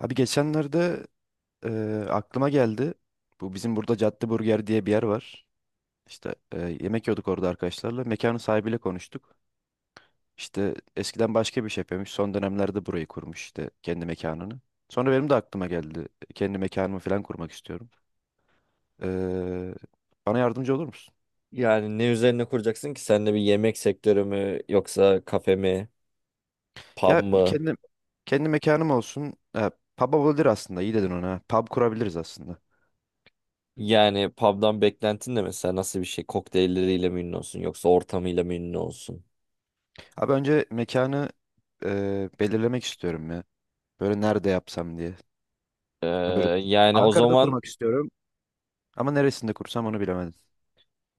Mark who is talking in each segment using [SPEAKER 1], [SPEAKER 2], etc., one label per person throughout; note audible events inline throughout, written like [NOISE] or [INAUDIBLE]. [SPEAKER 1] Abi geçenlerde e, aklıma geldi. Bu bizim burada Cadde Burger diye bir yer var. İşte yemek yiyorduk orada arkadaşlarla. Mekanın sahibiyle konuştuk. İşte eskiden başka bir şey yapıyormuş. Son dönemlerde burayı kurmuş işte kendi mekanını. Sonra benim de aklıma geldi. Kendi mekanımı falan kurmak istiyorum. Eee, Bana yardımcı olur musun?
[SPEAKER 2] Yani ne üzerine kuracaksın ki? Sen de bir yemek sektörü mü yoksa kafe mi, pub
[SPEAKER 1] Ya
[SPEAKER 2] mı?
[SPEAKER 1] kendi mekanım olsun. Ha, pub olabilir aslında. İyi dedin ona. Pub kurabiliriz aslında.
[SPEAKER 2] Yani pub'dan beklentin de mesela nasıl bir şey? Kokteylleriyle mi ünlü olsun yoksa ortamıyla mı ünlü olsun?
[SPEAKER 1] Abi önce mekanı belirlemek istiyorum ya. Böyle nerede yapsam diye.
[SPEAKER 2] Ee,
[SPEAKER 1] Ya böyle
[SPEAKER 2] Yani o
[SPEAKER 1] Ankara'da
[SPEAKER 2] zaman
[SPEAKER 1] kurmak istiyorum. Ama neresinde kursam onu bilemedim.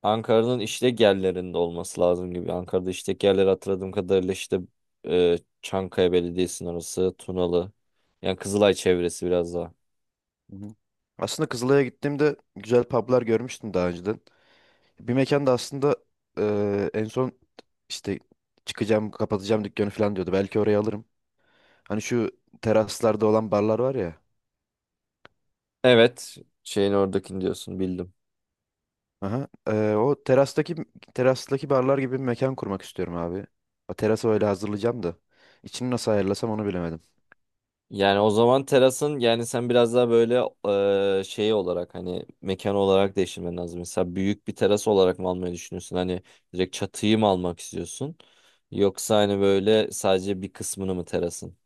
[SPEAKER 2] Ankara'nın işlek yerlerinde olması lazım gibi. Ankara'da işlek yerleri hatırladığım kadarıyla işte e, Çankaya Belediyesi'nin orası, Tunalı. Yani Kızılay çevresi biraz daha.
[SPEAKER 1] Hı hı. Aslında Kızılay'a gittiğimde güzel publar görmüştüm daha önceden. Bir mekanda aslında en son işte çıkacağım, kapatacağım dükkanı falan diyordu. Belki oraya alırım. Hani şu teraslarda olan barlar var ya.
[SPEAKER 2] Evet, şeyin oradakini diyorsun bildim.
[SPEAKER 1] Aha, o terastaki barlar gibi bir mekan kurmak istiyorum abi. O terası öyle hazırlayacağım da. İçini nasıl ayarlasam onu bilemedim.
[SPEAKER 2] Yani o zaman terasın yani sen biraz daha böyle şey olarak hani mekan olarak değiştirmen lazım. Mesela büyük bir teras olarak mı almayı düşünüyorsun? Hani direkt çatıyı mı almak istiyorsun? Yoksa hani böyle sadece bir kısmını mı terasın?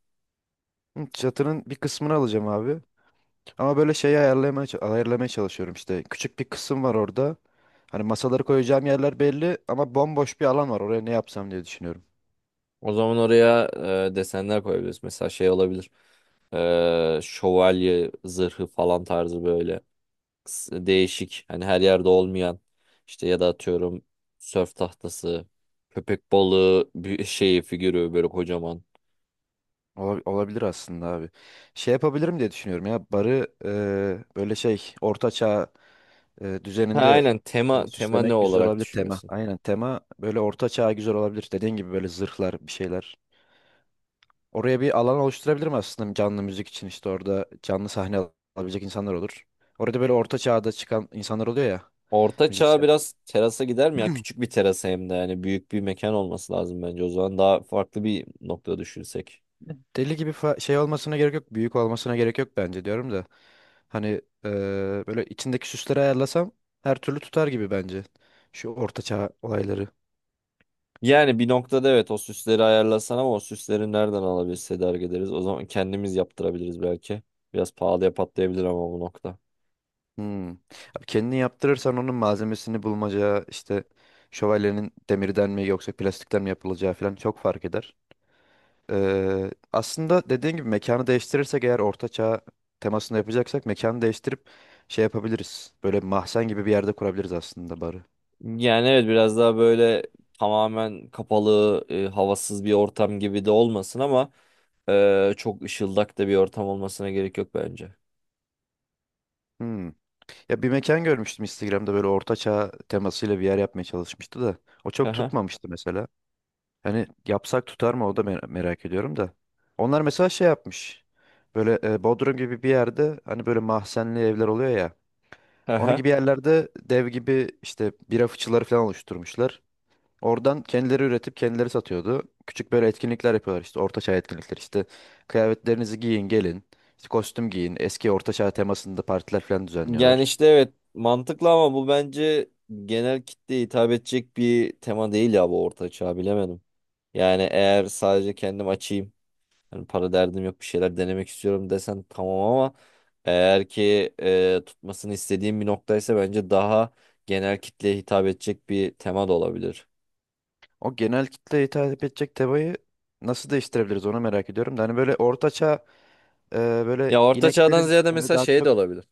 [SPEAKER 1] Hı, çatının bir kısmını alacağım abi. Ama böyle şeyi ayarlamaya, ayarlamaya çalışıyorum işte. Küçük bir kısım var orada. Hani masaları koyacağım yerler belli ama bomboş bir alan var. Oraya ne yapsam diye düşünüyorum.
[SPEAKER 2] O zaman oraya desenler koyabiliriz. Mesela şey olabilir. Şövalye zırhı falan tarzı böyle değişik hani her yerde olmayan işte ya da atıyorum sörf tahtası, köpek balığı bir [LAUGHS] şeyi figürü böyle kocaman.
[SPEAKER 1] Olabilir aslında abi. Şey yapabilirim diye düşünüyorum ya. Barı böyle şey orta çağ
[SPEAKER 2] Ha,
[SPEAKER 1] düzeninde
[SPEAKER 2] aynen tema ne
[SPEAKER 1] süslemek güzel
[SPEAKER 2] olarak
[SPEAKER 1] olabilir tema.
[SPEAKER 2] düşünüyorsun?
[SPEAKER 1] Aynen tema böyle orta çağ güzel olabilir. Dediğin gibi böyle zırhlar bir şeyler. Oraya bir alan oluşturabilirim aslında canlı müzik için işte orada canlı sahne alabilecek insanlar olur. Orada böyle orta çağda çıkan insanlar oluyor ya.
[SPEAKER 2] Orta çağ
[SPEAKER 1] Müzisyen.
[SPEAKER 2] biraz terasa gider mi ya? Küçük bir terasa hem de yani büyük bir mekan olması lazım bence. O zaman daha farklı bir nokta düşünsek.
[SPEAKER 1] Deli gibi şey olmasına gerek yok. Büyük olmasına gerek yok bence diyorum da. Hani eee, böyle içindeki süsleri ayarlasam her türlü tutar gibi bence. Şu ortaçağ olayları.
[SPEAKER 2] Yani bir noktada evet o süsleri ayarlasan ama o süsleri nereden alabiliriz, tedarik ederiz? O zaman kendimiz yaptırabiliriz belki. Biraz pahalıya patlayabilir ama bu nokta.
[SPEAKER 1] Hmm. Abi kendini yaptırırsan onun malzemesini bulmaca işte şövalyenin demirden mi yoksa plastikten mi yapılacağı falan çok fark eder. Aslında dediğin gibi mekanı değiştirirsek eğer ortaçağ temasında yapacaksak mekanı değiştirip şey yapabiliriz. Böyle mahzen gibi bir yerde kurabiliriz aslında barı.
[SPEAKER 2] Yani evet biraz daha böyle tamamen kapalı, havasız bir ortam gibi de olmasın ama çok ışıldak da bir ortam olmasına gerek yok bence.
[SPEAKER 1] Hmm. Ya bir mekan görmüştüm Instagram'da böyle ortaçağ temasıyla bir yer yapmaya çalışmıştı da. O çok tutmamıştı mesela. Hani yapsak tutar mı o da merak ediyorum da. Onlar mesela şey yapmış. Böyle Bodrum gibi bir yerde hani böyle mahzenli evler oluyor ya. Onun gibi
[SPEAKER 2] [LAUGHS]
[SPEAKER 1] yerlerde dev gibi işte bira fıçıları falan oluşturmuşlar. Oradan kendileri üretip kendileri satıyordu. Küçük böyle etkinlikler yapıyorlar işte ortaçağ etkinlikler işte. Kıyafetlerinizi giyin gelin. İşte kostüm giyin. Eski ortaçağ temasında partiler falan
[SPEAKER 2] Yani
[SPEAKER 1] düzenliyorlar.
[SPEAKER 2] işte evet mantıklı ama bu bence genel kitleye hitap edecek bir tema değil ya bu orta çağ bilemedim. Yani eğer sadece kendim açayım hani para derdim yok bir şeyler denemek istiyorum desen tamam ama eğer ki tutmasını istediğim bir noktaysa bence daha genel kitleye hitap edecek bir tema da olabilir.
[SPEAKER 1] O genel kitleye hitap edecek tebayı nasıl değiştirebiliriz onu merak ediyorum. Da hani böyle e, böyle
[SPEAKER 2] Ya orta çağdan
[SPEAKER 1] ineklerin
[SPEAKER 2] ziyade
[SPEAKER 1] böyle
[SPEAKER 2] mesela
[SPEAKER 1] daha
[SPEAKER 2] şey de
[SPEAKER 1] çok.
[SPEAKER 2] olabilir.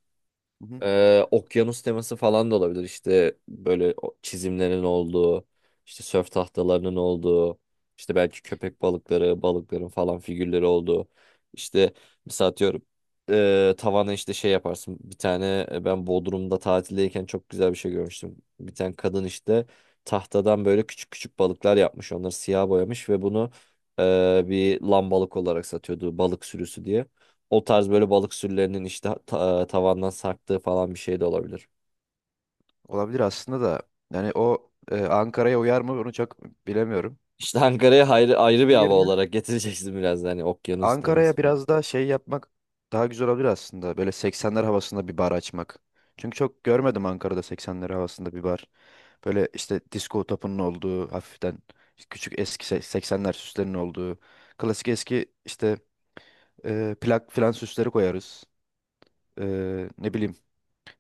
[SPEAKER 1] Hı hı.
[SPEAKER 2] Okyanus teması falan da olabilir. İşte böyle o çizimlerin olduğu, işte sörf tahtalarının olduğu, işte belki köpek balıkları, balıkların falan figürleri olduğu. İşte mesela atıyorum tavana işte şey yaparsın. Bir tane ben Bodrum'da tatildeyken çok güzel bir şey görmüştüm. Bir tane kadın işte tahtadan böyle küçük küçük balıklar yapmış. Onları siyah boyamış ve bunu bir lambalık olarak satıyordu balık sürüsü diye. O tarz böyle balık sürülerinin işte tavandan sarktığı falan bir şey de olabilir.
[SPEAKER 1] Olabilir aslında da. Yani o Ankara'ya uyar mı onu çok bilemiyorum.
[SPEAKER 2] İşte Ankara'ya ayrı, ayrı
[SPEAKER 1] Onun
[SPEAKER 2] bir hava
[SPEAKER 1] yerine
[SPEAKER 2] olarak [LAUGHS] getireceksin biraz da hani okyanus teması
[SPEAKER 1] Ankara'ya
[SPEAKER 2] falan.
[SPEAKER 1] biraz daha şey yapmak daha güzel olabilir aslında. Böyle 80'ler havasında bir bar açmak. Çünkü çok görmedim Ankara'da 80'ler havasında bir bar. Böyle işte disco topunun olduğu hafiften işte küçük eski 80'ler süslerinin olduğu klasik eski işte. Plak filan süsleri koyarız. Ne bileyim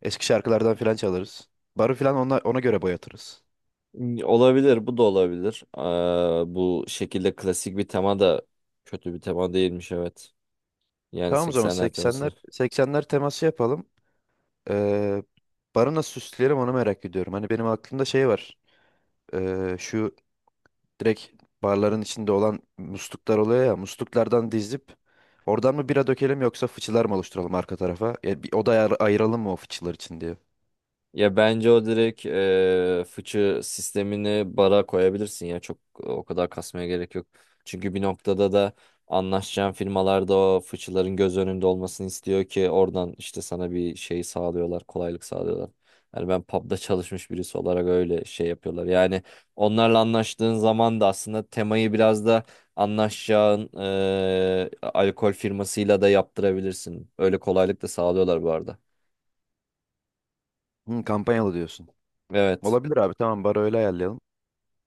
[SPEAKER 1] eski şarkılardan filan çalarız. Barı filan ona göre boyatırız.
[SPEAKER 2] Hmm, olabilir, bu da olabilir. Bu şekilde klasik bir tema da kötü bir tema değilmiş, evet. Yani
[SPEAKER 1] Tamam o zaman
[SPEAKER 2] 80'ler
[SPEAKER 1] 80'ler
[SPEAKER 2] temasını.
[SPEAKER 1] 80'ler teması yapalım. Ee, Barı nasıl süsleyelim onu merak ediyorum. Hani benim aklımda şey var. Şu direkt barların içinde olan musluklar oluyor ya musluklardan dizip oradan mı bira dökelim yoksa fıçılar mı oluşturalım arka tarafa? Ya bir oda ayıralım mı o fıçılar için diye.
[SPEAKER 2] Ya bence o direkt fıçı sistemini bara koyabilirsin ya çok o kadar kasmaya gerek yok. Çünkü bir noktada da anlaşacağın firmalarda o fıçıların göz önünde olmasını istiyor ki oradan işte sana bir şey sağlıyorlar, kolaylık sağlıyorlar. Yani ben pub'da çalışmış birisi olarak öyle şey yapıyorlar. Yani onlarla anlaştığın zaman da aslında temayı biraz da anlaşacağın alkol firmasıyla da yaptırabilirsin. Öyle kolaylık da sağlıyorlar bu arada.
[SPEAKER 1] Hı, kampanyalı diyorsun.
[SPEAKER 2] Evet.
[SPEAKER 1] Olabilir abi, tamam, barı öyle ayarlayalım.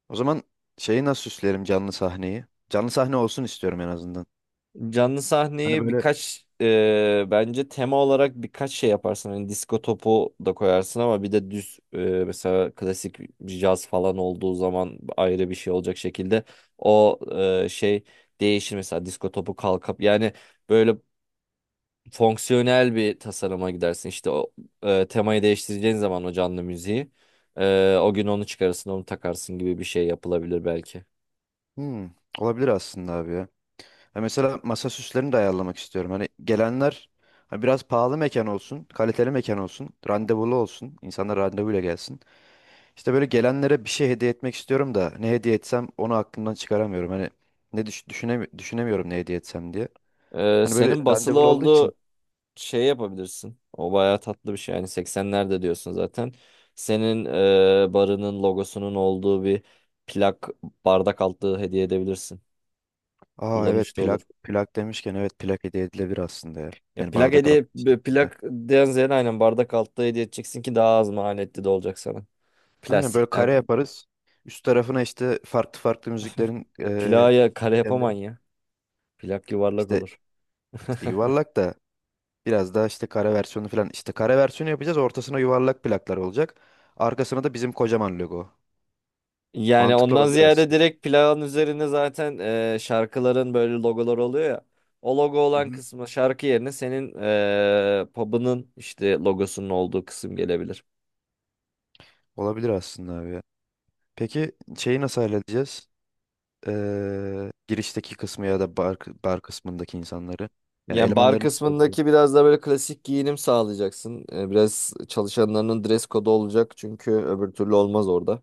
[SPEAKER 1] O zaman şeyi nasıl süslerim canlı sahneyi? Canlı sahne olsun istiyorum en azından.
[SPEAKER 2] Canlı
[SPEAKER 1] Hani
[SPEAKER 2] sahneye
[SPEAKER 1] böyle,
[SPEAKER 2] birkaç bence tema olarak birkaç şey yaparsın. Hani disko topu da koyarsın ama bir de düz mesela klasik caz falan olduğu zaman ayrı bir şey olacak şekilde o şey değişir. Mesela disko topu kalkıp yani böyle fonksiyonel bir tasarıma gidersin. İşte o temayı değiştireceğin zaman o canlı müziği o gün onu çıkarırsın onu takarsın gibi bir şey yapılabilir belki.
[SPEAKER 1] hmm, olabilir aslında abi ya. Ha mesela masa süslerini de ayarlamak istiyorum. Hani gelenler hani biraz pahalı mekan olsun, kaliteli mekan olsun, randevulu olsun. İnsanlar randevuyla gelsin. İşte böyle gelenlere bir şey hediye etmek istiyorum da ne hediye etsem onu aklımdan çıkaramıyorum. Hani ne düşünemiyorum ne hediye etsem diye. Hani böyle
[SPEAKER 2] Senin basılı
[SPEAKER 1] randevulu olduğu için.
[SPEAKER 2] olduğu şey yapabilirsin. O bayağı tatlı bir şey. Yani 80'lerde diyorsun zaten. Senin barının logosunun olduğu bir plak bardak altlığı hediye edebilirsin.
[SPEAKER 1] Aa evet,
[SPEAKER 2] Kullanışlı olur.
[SPEAKER 1] plak plak demişken, evet, plak hediye edilebilir aslında ya.
[SPEAKER 2] Ya
[SPEAKER 1] Yani
[SPEAKER 2] plak
[SPEAKER 1] bardak
[SPEAKER 2] hediye
[SPEAKER 1] altı.
[SPEAKER 2] plak den ziyade aynen bardak altlığı hediye edeceksin ki daha az maliyetli de olacak sana.
[SPEAKER 1] Aynen böyle
[SPEAKER 2] Plastikten
[SPEAKER 1] kare yaparız. Üst tarafına işte farklı farklı müziklerin
[SPEAKER 2] plağa kare yapaman
[SPEAKER 1] kendilerin
[SPEAKER 2] ya. Plak yuvarlak
[SPEAKER 1] işte
[SPEAKER 2] olur. [LAUGHS]
[SPEAKER 1] işte yuvarlak da biraz daha işte kare versiyonu falan. İşte kare versiyonu yapacağız. Ortasına yuvarlak plaklar olacak. Arkasına da bizim kocaman logo.
[SPEAKER 2] Yani
[SPEAKER 1] Mantıklı
[SPEAKER 2] ondan
[SPEAKER 1] olabilir
[SPEAKER 2] ziyade
[SPEAKER 1] aslında.
[SPEAKER 2] direkt plağın üzerine zaten şarkıların böyle logoları oluyor ya. O logo olan
[SPEAKER 1] Hı-hı.
[SPEAKER 2] kısmı şarkı yerine senin pub'ının işte logosunun olduğu kısım gelebilir.
[SPEAKER 1] Olabilir aslında abi ya. Peki şeyi nasıl halledeceğiz? Girişteki kısmı ya da bar kısmındaki insanları. Yani
[SPEAKER 2] Yani bar
[SPEAKER 1] elemanları nasıl bulacağız?
[SPEAKER 2] kısmındaki biraz da böyle klasik giyinim sağlayacaksın. Biraz çalışanlarının dress kodu olacak çünkü öbür türlü olmaz orada.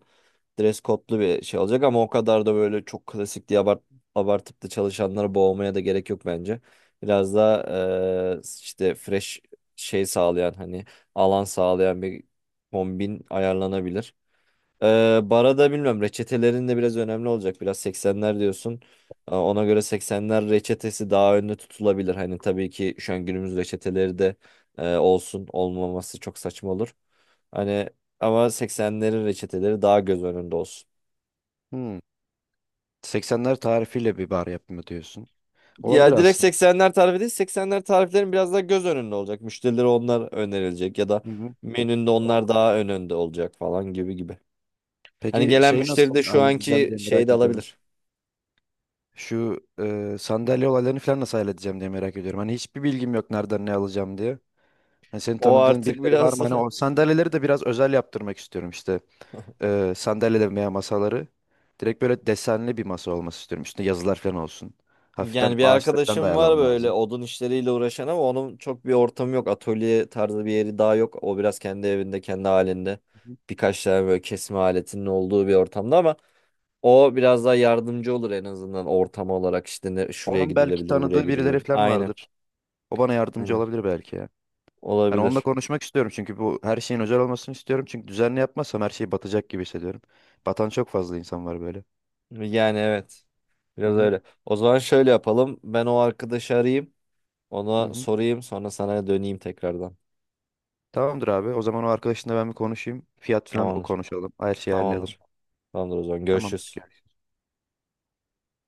[SPEAKER 2] Dress code'lu bir şey olacak ama o kadar da böyle çok klasik diye abartıp da çalışanları boğmaya da gerek yok bence. Biraz daha işte fresh şey sağlayan hani alan sağlayan bir kombin ayarlanabilir. Bara da bilmiyorum reçetelerin de biraz önemli olacak. Biraz 80'ler diyorsun. Ona göre 80'ler reçetesi daha önde tutulabilir. Hani tabii ki şu an günümüz reçeteleri de olsun olmaması çok saçma olur. Hani ama 80'lerin reçeteleri daha göz önünde olsun.
[SPEAKER 1] Hmm. 80'ler tarifiyle bir bar yapımı diyorsun. Olabilir
[SPEAKER 2] Ya direkt
[SPEAKER 1] aslında.
[SPEAKER 2] 80'ler tarifi değil, 80'ler tariflerin biraz daha göz önünde olacak. Müşterilere onlar önerilecek ya da
[SPEAKER 1] Hı-hı.
[SPEAKER 2] menünde onlar daha önde olacak falan gibi gibi. Hani
[SPEAKER 1] Peki
[SPEAKER 2] gelen
[SPEAKER 1] şeyi
[SPEAKER 2] müşteri
[SPEAKER 1] nasıl
[SPEAKER 2] de şu
[SPEAKER 1] halledeceğim
[SPEAKER 2] anki
[SPEAKER 1] diye merak
[SPEAKER 2] şeyi de
[SPEAKER 1] ediyorum.
[SPEAKER 2] alabilir.
[SPEAKER 1] Şu sandalye olaylarını falan nasıl halledeceğim diye merak ediyorum. Hani hiçbir bilgim yok nereden ne alacağım diye. Hani senin
[SPEAKER 2] O
[SPEAKER 1] tanıdığın
[SPEAKER 2] artık
[SPEAKER 1] birileri var
[SPEAKER 2] biraz
[SPEAKER 1] mı? Hani o sandalyeleri de biraz özel yaptırmak istiyorum işte. Sandalyeler veya masaları. Direkt böyle desenli bir masa olması istiyorum. Üstünde yazılar falan olsun.
[SPEAKER 2] [LAUGHS]
[SPEAKER 1] Hafiften
[SPEAKER 2] yani bir
[SPEAKER 1] ağaçları falan da
[SPEAKER 2] arkadaşım var
[SPEAKER 1] ayarlamam
[SPEAKER 2] böyle
[SPEAKER 1] lazım.
[SPEAKER 2] odun işleriyle uğraşan ama onun çok bir ortamı yok. Atölye tarzı bir yeri daha yok. O biraz kendi evinde, kendi halinde birkaç tane böyle kesme aletinin olduğu bir ortamda ama o biraz daha yardımcı olur en azından ortam olarak işte ne, şuraya
[SPEAKER 1] Onun belki
[SPEAKER 2] gidilebilir, buraya
[SPEAKER 1] tanıdığı birileri
[SPEAKER 2] gidilebilir.
[SPEAKER 1] falan
[SPEAKER 2] Aynen.
[SPEAKER 1] vardır. O bana yardımcı
[SPEAKER 2] Evet.
[SPEAKER 1] olabilir belki ya. Hani onunla
[SPEAKER 2] Olabilir.
[SPEAKER 1] konuşmak istiyorum çünkü bu her şeyin özel olmasını istiyorum. Çünkü düzenli yapmazsam her şey batacak gibi hissediyorum. Batan çok fazla insan var böyle.
[SPEAKER 2] Yani evet.
[SPEAKER 1] Hı
[SPEAKER 2] Biraz
[SPEAKER 1] hı,
[SPEAKER 2] öyle. O zaman şöyle yapalım. Ben o arkadaşı arayayım.
[SPEAKER 1] hı
[SPEAKER 2] Ona
[SPEAKER 1] hı.
[SPEAKER 2] sorayım. Sonra sana döneyim tekrardan.
[SPEAKER 1] Tamamdır abi. O zaman o arkadaşınla ben bir konuşayım. Fiyat falan o
[SPEAKER 2] Tamamdır.
[SPEAKER 1] konuşalım. Her şeyi ayarlayalım.
[SPEAKER 2] Tamamdır. Tamamdır o zaman.
[SPEAKER 1] Tamamdır.
[SPEAKER 2] Görüşürüz.